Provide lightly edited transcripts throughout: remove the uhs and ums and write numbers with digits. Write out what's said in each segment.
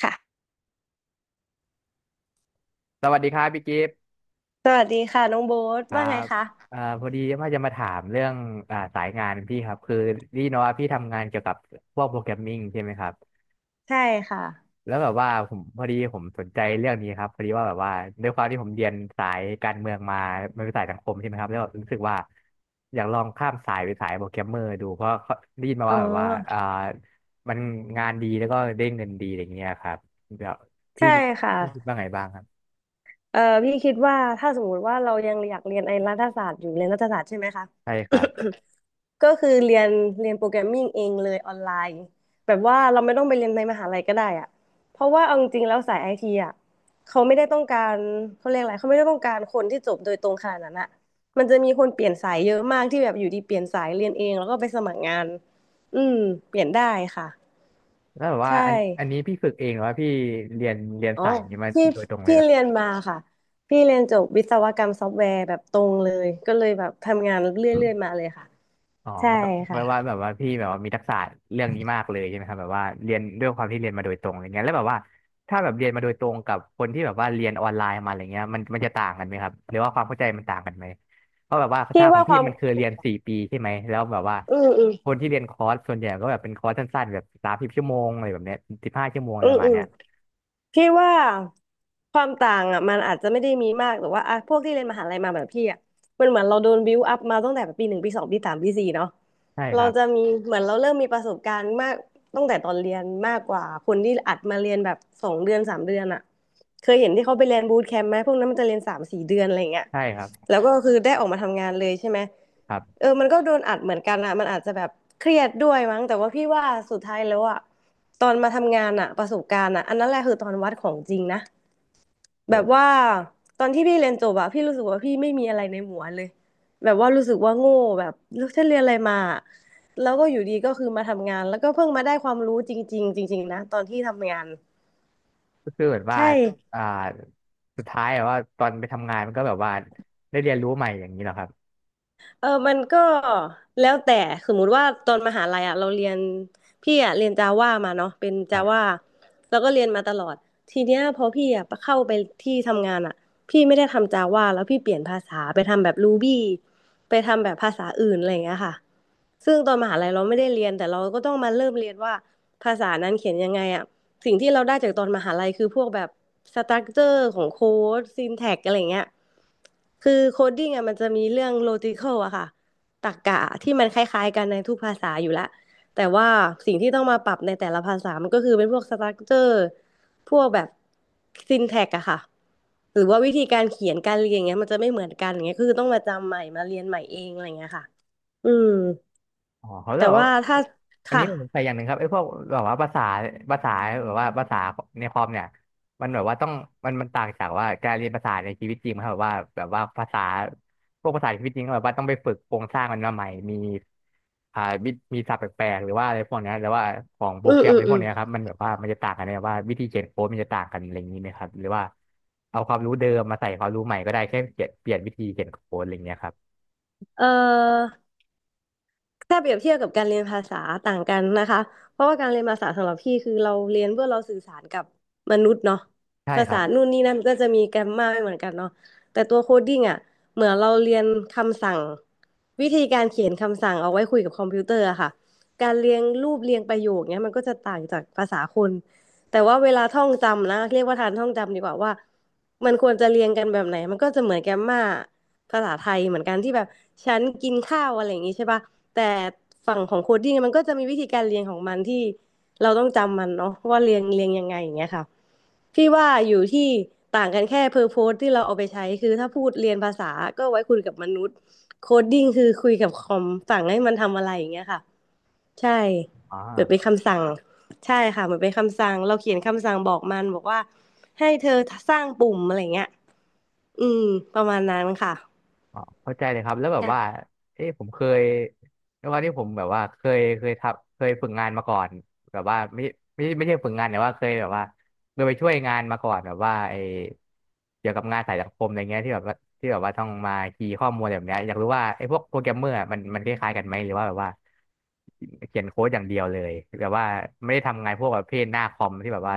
ค่ะ สวัสดีครับพี่กิฟต์สวัสดีค่ะน้องโบ๊ทครัว่าไงบคะพอดีว่าจะมาถามเรื่องสายงานพี่ครับคือนี่เนาะว่าพี่ทำงานเกี่ยวกับพวกโปรแกรมมิ่งใช่ไหมครับใช่ค่ะแล้วแบบว่าผมพอดีผมสนใจเรื่องนี้ครับพอดีว่าแบบว่าด้วยความที่ผมเรียนสายการเมืองมามันเป็นสายสังคมใช่ไหมครับแล้วแบบรู้สึกว่าอยากลองข้ามสายไปสายโปรแกรมเมอร์ดูเพราะเขาได้ยินมาอ๋อว่าแบบว่ามันงานดีแล้วก็ได้เงินดีอะไรเงี้ยครับแบบพี่ใช่มีค่ะพี่คิดว่าไงบ้างครับเอ่อพี่คิดว่าถ้าสมมติว่าเรายังอยากเรียนไอ้รัฐศาสตร์อยู่เรียนรัฐศาสตร์ใช่ไหมคะ ใช่ครับ ก็คือเรียนโปรแกรมมิ่งเองเลยออนไลน์แบบว่าเราไม่ต้องไปเรียนในมหาลัยก็ได้อะเพราะว่าเอาจริงๆแล้วสายไอทีอะเขาไม่ได้ต้องการเขาเรียกอะไรเขาไม่ได้ต้องการคนที่จบโดยตรงขนาดนั้นอะมันจะมีคนเปลี่ยนสายเยอะมากที่แบบอยู่ดีเปลี่ยนสายเรียนเองแล้วก็ไปสมัครงานอืมเปลี่ยนได้ค่ะ แล้วแบบว่าใช่ อันนี้พี่ฝึกเองหรือว่าพี่เรียนอ๋อสายนี้มาพี่โดยตรงเลยพี่เหรอเรียนมาค่ะ พี่เรียนจบวิศวกรรมซอฟต์แวร์แบบตรงเลย ก็เลยแบบทำงานเรครัื่อยๆบมาเลยค่ะ อ๋อใช่แบบแบค่ะ บว่าแบบว่าพี่แบบว่ามีทักษะเรื่องนี้มากเลยใช่ไหมครับแบบว่าเรียนด้วยความที่เรียนมาโดยตรงอย่างเงี้ยแล้วแบบว่าถ้าแบบเรียนมาโดยตรงกับคนที่แบบว่าเรียนออนไลน์มาอะไรเงี้ยมันจะต่างกันไหมครับหรือว่าความเข้าใจมันต่างกันไหมเพราะแบบว่าพี่ถ้าของว่าคพี่วาม มันคือเรียน4 ปีใช่ไหมแล้วแบบว่าอืมอืมคนที่เรียนคอร์สส่วนใหญ่ก็แบบเป็นคอร์สสั้นๆแบบ30 ชั่วโมงอะไรแบบเนี้ย15 ชั่วโมงอะไรประมาอืณม เนี้ยพี่ว่าความต่างอ่ะมันอาจจะไม่ได้มีมากแต่ว่าอ่ะพวกที่เรียนมหาลัยมาแบบพี่อ่ะมันเหมือนเราโดนบิวอัพมาตั้งแต่ปีหนึ่งปีสองปีสามปีสี่เนาะใช่คเรารับจะมีเหมือนเราเริ่มมีประสบการณ์มากตั้งแต่ตอนเรียนมากกว่าคนที่อัดมาเรียนแบบสองเดือนสามเดือนอ่ะเคยเห็นที่เขาไปเรียนบูตแคมป์ไหมพวกนั้นมันจะเรียนสามสี่เดือนอะไรอย่างเงี้ย ใช่ครับแล้วก็คือได้ออกมาทำงานเลยใช่ไหมครับเออมันก็โดนอัดเหมือนกันอะมันอาจจะแบบเครียดด้วยมั้งแต่ว่าพี่ว่าสุดท้ายแล้วอะตอนมาทำงานอะประสบการณ์อะอันนั้นแหละคือตอนวัดของจริงนะแบบโห ว่าตอนที่พี่เรียนจบอะพี่รู้สึกว่าพี่ไม่มีอะไรในหัวเลยแบบว่ารู้สึกว่าโง่แบบแล้วฉันเรียนอะไรมาแล้วก็อยู่ดีก็คือมาทำงานแล้วก็เพิ่งมาได้ความรู้จริงๆจริงๆนะตอนที่ทำงานก็คือเหมือนว่าใช่ อ่าสุดท้ายแบบว่าตอนไปทำงานมันก็แบบว่าได้เรียนรู้ใหม่อย่างนี้เหรอครับ เออมันก็แล้วแต่สมมุติว่าตอนมหาลัยอ่ะเราเรียนพี่อ่ะเรียนจาว่ามาเนาะเป็นจาว่าแล้วก็เรียนมาตลอดทีเนี้ยพอพี่อ่ะเข้าไปที่ทำงานอ่ะพี่ไม่ได้ทำจาว่าแล้วพี่เปลี่ยนภาษาไปทำแบบรูบี้ไปทำแบบภาษาอื่นอะไรอย่างเงี้ยค่ะ ซึ่งตอนมหาลัยเราไม่ได้เรียนแต่เราก็ต้องมาเริ่มเรียนว่าภาษานั้นเขียนยังไงอ่ะสิ่งที่เราได้จากตอนมหาลัยคือพวกแบบสตรัคเจอร์ของโค้ดซินแท็กอะไรเงี้ยคือโคดดิ้งอ่ะมันจะมีเรื่องโลจิคอลอะค่ะตรรกะที่มันคล้ายๆกันในทุกภาษาอยู่แล้วแต่ว่าสิ่งที่ต้องมาปรับในแต่ละภาษามันก็คือเป็นพวกสตรัคเจอร์พวกแบบซินแท็กอะค่ะหรือว่าวิธีการเขียนการเรียนอย่างเงี้ยมันจะไม่เหมือนกันอย่างเงี้ยคือต้องมาจำใหม่มาเรียนใหม่เองอะไรเงี้ยค่ะอืม อ๋อเขาเรแต่บอกว่าว่าถ้าอันค่ะนี้ผมใส่อย่างหนึ่งครับไอ้พวกแบบว่าภาษาภาษาแบบว่าภาษาในคอมเนี่ยมันแบบว่าต้องมันต่างจากว่าการเรียนภาษาในชีวิตจริงครับแบบว่าภาษาพวกภาษาในชีวิตจริงก็แบบว่าต้องไปฝึกโครงสร้างมันมาใหม่มีอ่าวิมีศัพท์แปลกๆหรือว่าอะไรพวกเนี้ยหรือว่าของโปรอืแกมรอืมมในพอืวกมเนี้ยครับมันแบบว่ามันจะต่างกันไหมว่าวิธีเขียนโค้ดมันจะต่างกันอะไรอย่างนี้ไหมครับหรือว่าเอาความรู้เดิมมาใส่ความรู้ใหม่ก็ได้แค่เปลี่ยนวิธีเขียนโค้ดอะไรอย่างเงี้ยครับเอ่อถ้าเปรียบเทียบกับการเรียนภาษาต่างกันนะคะเพราะว่าการเรียนภาษาสำหรับพี่คือเราเรียนเพื่อเราสื่อสารกับมนุษย์เนาะใช่ภาครัษาบนู่นนี่นั่นก็จะมีแกรมมาไม่เหมือนกันเนาะแต่ตัวโคดดิ้งอ่ะเหมือนเราเรียนคำสั่งวิธีการเขียนคำสั่งเอาไว้คุยกับคอมพิวเตอร์อะค่ะการเรียงรูปเรียงประโยคเนี้ยมันก็จะต่างจากภาษาคนแต่ว่าเวลาท่องจำนะเรียกว่าทานท่องจำดีกว่าว่ามันควรจะเรียงกันแบบไหนมันก็จะเหมือนแกมมา ภาษาไทยเหมือนกันที่แบบฉันกินข้าวอะไรอย่างงี้ใช่ป่ะแต่ฝั่งของโคดดิ้งมันก็จะมีวิธีการเรียนของมันที่เราต้องจำมันเนาะว่าเรียงยังไงอย่างเงี้ยค่ะพี่ว่าอยู่ที่ต่างกันแค่เพอร์โพสที่เราเอาไปใช้คือถ้าพูดเรียนภาษาก็ไว้คุยกับมนุษย์โคดดิ้งคือคุยกับคอมสั่งให้มันทำอะไรอย่างเงี้ยค่ะใช่อ๋เหมือนเป็นอ คำสั่งใช่ค่ะเหมือนเป็นคำสั่งเราเขียนคำสั่งบอกมันบอกว่าให้เธอสร้างปุ่มอะไรเงี้ยอืมประมาณนั้นค่ะ อ๋อเข้าใจเลยครับแล้วแบบว่าผมเคยด้วยความที่ผมแบบว่าเคยทำเคยฝึกงานมาก่อนแบบว่าไม่ใช่ฝึกงานแต่ว่าเคยแบบว่าเคยไปช่วยงานมาก่อนแบบว่าไอเกี่ยวกับงานสายสังคมอะไรเงี้ยที่แบบว่าที่แบบว่าต้องมาคีย์ข้อมูลอะไรแบบเนี้ยอยากรู้ว่าไอพวกโปรแกรมเมอร์อะมันคล้ายๆกันไหมหรือว่าแบบว่าเขียนโค้ดอย่างเดียวเลยแบบว่าไม่ได้ทำงานพวกประเภทหน้าคอมที่แบบว่า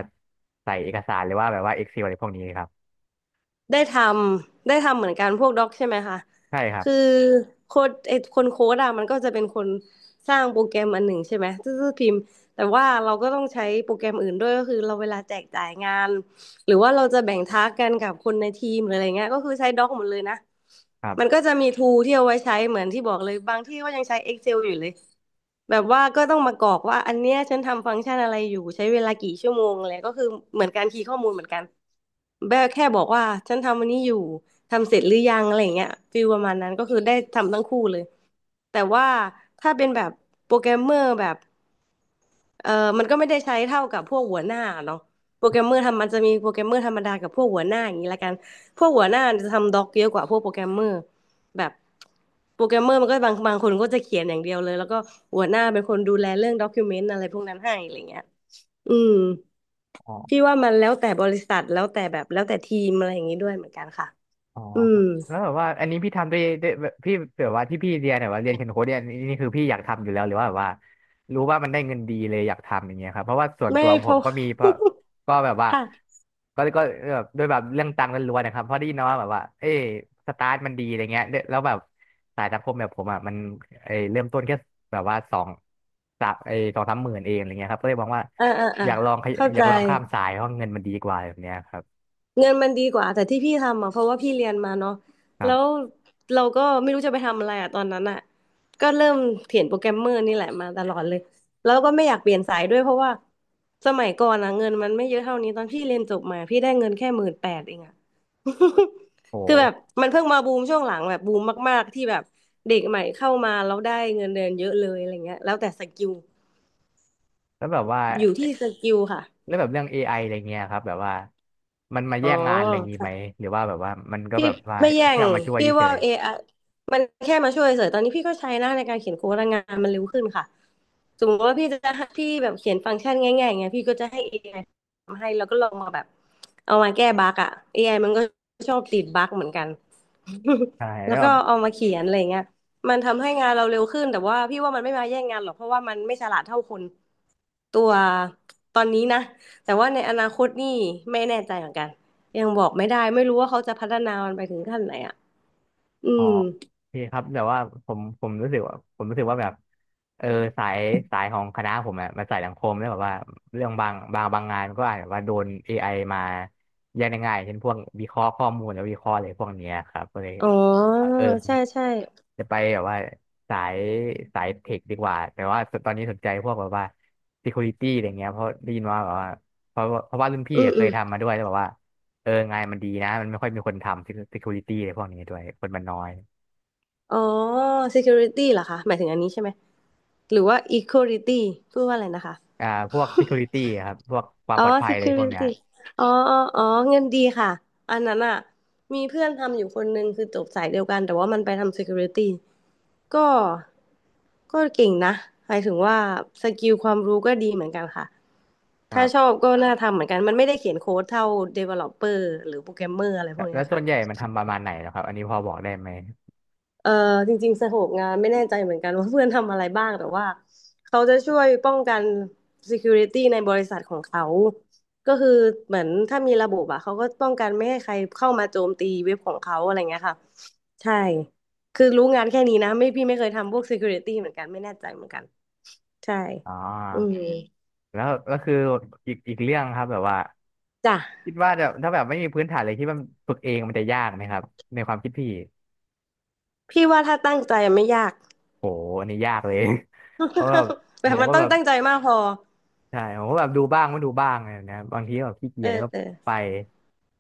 ใส่เอกสารหรือว่าแบบว่า Excel อะไรพวกนี้ครับได้ทำได้ทำเหมือนกันพวกด็อกใช่ไหมคะใช่ครับคือโค้ดไอ้คนโค้ดอะมันก็จะเป็นคนสร้างโปรแกรมอันหนึ่งใช่ไหมซื่อๆพิมพ์แต่ว่าเราก็ต้องใช้โปรแกรมอื่นด้วยก็คือเราเวลาแจกจ่ายงานหรือว่าเราจะแบ่งทาสกกันกับคนในทีมหรืออะไรเงี้ยก็คือใช้ด็อกหมดเลยนะครมันัก็จะมีทูที่เอาไว้ใช้เหมือนที่บอกเลยบางที่ก็ยังใช้ Excel อยู่เลยแบบว่าก็ต้องมากรอกว่าอันเนี้ยฉันทำฟังก์ชันอะไรอยู่ใช้เวลากี่ชั่วโมงอะไรก็คือเหมือนการคีย์ข้อมูลเหมือนกัน แบลแค่บอกว่าฉันทำอันนี้อยู่ทำเสร็จหรือยังอะไรอย่างเงี้ยฟีลประมาณนั้นก็คือได้ทำทั้งคู่เลยแต่ว่าถ้าเป็นแบบโปรแกรมเมอร์แบบเออมันก็ไม่ได้ใช้เท่ากับพวกหัวหน้าเนาะโปรแกรมเมอร์ทำมันจะมีโปรแกรมเมอร์ธรรมดากับพวกหัวหน้าอย่างนี้ละกันพวกหัวหน้าจะทำด็อกเยอะกว่าพวกโปรแกรมเมอร์แบบโปรแกรมเมอร์มันก็บางคนก็จะเขียนอย่างเดียวเลยแล้วก็หัวหน้าเป็นคนดูแลเรื่องด็อกิวเมนต์อะไรพวกนั้นให้อะไรเงี้ยอืม บ พี่ว่ามันแล้วแต่บริษัทแล้วแต่แบบแล้วแต่ทีมอะไรอย่างนี้ด้วยเหมือนกันค่ะ อ๋ออืม แล้วแบบว่าอันนี้พี่ทำด้วยด้วยแบบพี่แบบว่าที่พี่เรียนเนี่ยว่าเรียนเขียนโค้ดเนี่ยนี่คือพี่อยากทำอยู่แล้วหรือว่าแบบว่ารู้ว่ามันได้เงินดีเลยอยากทำอย่างเงี้ยครับเพราะว่าส่วนไม่ตัวผเพมราะ ก็มีเพราะก็แบบว่า ค่ะ ก็แบบด้วยแบบเรื่องตังค์ล้วนๆนะครับเพราะได้ยินมาว่าแบบว่าเอ้ยสตาร์ทมันดีอะไรเงี้ยแล้วแบบสายสังคมแบบผมอ่ะมันเอ้ยเริ่มต้นแค่แบบว่าสองสามหมื่นเองอะไรเงี้ยครับก็เลยมองว่าอ่าอ่าอ่าเข้าอใจ ยากลองข้ามสายเพราะเงินมันดีกว่าแบบเนี้ยครับเงินมันดีกว่าแต่ที่พี่ทำอ่ะเพราะว่าพี่เรียนมาเนาะครัแล้วบเราก็ไม่รู้จะไปทำอะไรอ่ะตอนนั้นอ่ะก็เริ่มเขียนโปรแกรมเมอร์นี่แหละมาตลอดเลยแล้วก็ไม่อยากเปลี่ยนสายด้วยเพราะว่าสมัยก่อนอ่ะเงินมันไม่เยอะเท่านี้ตอนพี่เรียนจบมาพี่ได้เงินแค่หมื่นแปดเองอ่ะ คือแบโหบมันเพิ่งมาบูมช่วงหลังแบบบูมมากๆที่แบบเด็กใหม่เข้ามาแล้วได้เงินเดือนเยอะเลยอะไรเงี้ยแล้วแต่สกิลแล้วแบบว่า อยู่ที่สกิลค่ะแล้วแบบเรื่อง AI อะไรเงี้ยครับแบบว่ามันมาอ๋อ แย่งงานอะไรงี้ไหมหรือว่าแบบว่ามันก็พี่แบบว่าไม่แย่งแค่เอามาช่วยพี่เฉว่า ย AI มันแค่มาช่วยเฉยตอนนี้พี่ก็ใช้หน้าในการเขียนโค้ดแลงงานมันเร็วขึ้นค่ะสมมติว่าพี่จะให้พี่แบบเขียนฟังก์ชันง่ายๆอย่างเงี้ยพี่ก็จะให้ AI ทำให้แล้วก็ลองมาแบบเอามาแก้บั๊กอ่ะ AI มันก็ชอบติดบั๊กเหมือนกัน ๆใช่ แล้แล้ววก็แบบ เอามาเขียนอะไรเงี้ยมันทำให้งานเราเร็วขึ้นแต่ว่าพี่ว่ามันไม่มาแย่งงานหรอกเพราะว่ามันไม่ฉลาดเท่าคน ตัวตอนนี้นะแต่ว่าในอนาคตนี่ไม่แน่ใจเหมือนกันยังบอกไม่ได้ไม่รู้ว่าเขาจะพัฒนามันไปถึงขั้นไหนอ่ะอือ๋อมโอเคครับแบบว่าผมรู้สึกว่าแบบเออสายสายของคณะผมอะมันสายสังคมแล้วแบบว่าเรื่องบางงานก็อาจจะว่าโดน AI มาแย่งได้ง่ายเช่นพวกวิเคราะห์ข้อมูลแล้ววิเคราะห์อะไรพวกเนี้ยครับก็เลยอ๋อเออใช่ใช่จะไปแบบว่าสายสายเทคดีกว่าแต่ว่าตอนนี้สนใจพวกแบบว่า security อะไรเงี้ยเพราะได้ยินว่าแบบว่าเพราะว่ารุ่นพี่อืมอะเคอืยมทำมาด้วยแล้วแบบว่างานมันดีนะมันไม่ค่อยมีคนทำ security อะไรพวกนี้ด้วยคนมันน้อย อ๋อ security เหรอคะหมายถึงอันนี้ใช่ไหมหรือว่า equality พูดว่าอะไรนะคะอ่าพวก security ครับพวกความปอ๋ลอ อดภัยอะไรพวกเนี้ย security อ๋ออ๋ออ๋อเงินดีค่ะอันนั้นอ่ะมีเพื่อนทำอยู่คนนึงคือจบสายเดียวกันแต่ว่ามันไปทำ security ก็ก็เก่งนะหมายถึงว่าสกิลความรู้ก็ดีเหมือนกันค่ะครัถ้าชอบบก็น่าทำเหมือนกันมันไม่ได้เขียนโค้ดเท่า developer หรือโปรแกรมเมอร์อะไรพแล้ววกแล้เนี้วยส่ค่ะวนใหญ่มันทำประมาณไหนเหรอครับอันนี้พอบอกได้ไหมเออจริงๆสโคปงานไม่แน่ใจเหมือนกัน ว่าเพื่อนทำอะไรบ้างแต่ว่าเขาจะช่วยป้องกัน security ในบริษัทของเขาก็คือเหมือนถ้ามีระบบอะเขาก็ป้องกันไม่ให้ใครเข้ามาโจมตีเว็บของเขาอะไรเงี้ยค่ะใช่คือรู้งานแค่นี้นะไม่พี่ไม่เคยทำพวก security เหมือนกันไม่แน่ใจเหมือนกัน ใช่อ๋ออืมแล้วคืออีกเรื่องครับแบบว่าจ้ะคิดว่าจะถ้าแบบไม่มีพื้นฐานเลยคิดว่ามันฝึกเองมันจะยากไหมครับในความคิดพี่พี่ว่าถ้าตั้งใจไม่ยาก โหอันนี้ยากเลย เพราะแบบ แบผบมมันก็ต้อแบงบตั้งใจมากพอใช่ผมก็แบบดูบ้างไม่ดูบ้างอะไรแบบเนะบางทีก็แบบขี้เกีเอยจอแล้วก็เออไป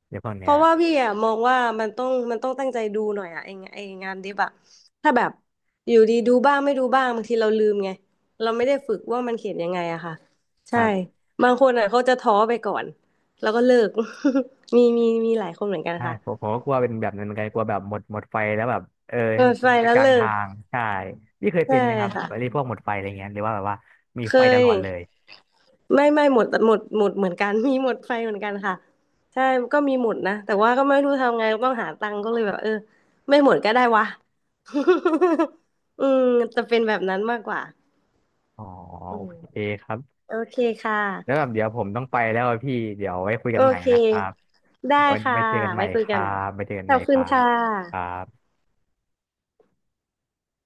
เดี๋ยวพวกเพเนี้ยราะว่าพี่อะมองว่ามันต้องตั้งใจดูหน่อยอะไอ้งานดิบอะถ้าแบบอยู่ดีดูบ้างไม่ดูบ้างบางทีเราลืมไงเราไม่ได้ฝึกว่ามันเขียนยังไงอะค่ะคใช่รับ บางคนอะเขาจะท้อไปก่อนแล้วก็เลิก มีมีมีหลายคนเหมือนกันใช่ค่ะผมก็กลัวเป็นแบบนั้นเหมือนกันกลัวแบบหมดไฟแล้วแบบเออเปิดไฟทิ้งไปแล้กวลางเลิทากงใช่พี่เคยใช่เป็นไหมครับค่ะอะไรพวกหมดไฟอะไรเงี้ยหรือว่าแบบว่ามีเคไฟตลอดเลยย ไม่ไม่หมดหมดหมดเหมือนกัน มีหมดไฟเหมือนกันค่ะใช่ก็มีหมดนะแต่ว่าก็ไม่รู้ทำไงต้องหาตังค์ก็เลยแบบเออไม่หมดก็ได้วะ อืมจะเป็นแบบนั้นมากกว่าอ๋ออืโอมเคครับโอเคค่ะแล้วแบบเดี๋ยวผมต้องไปแล้วอะพี่เดี๋ยวไว้คุยโอกันใหม่เคนะครับได้ไว้ค่ะไว้เจอกันใหไว้ม่คุคยกัรันใหม่บไว้เจอกันขใหอม่บคคุณรับค่ะครับ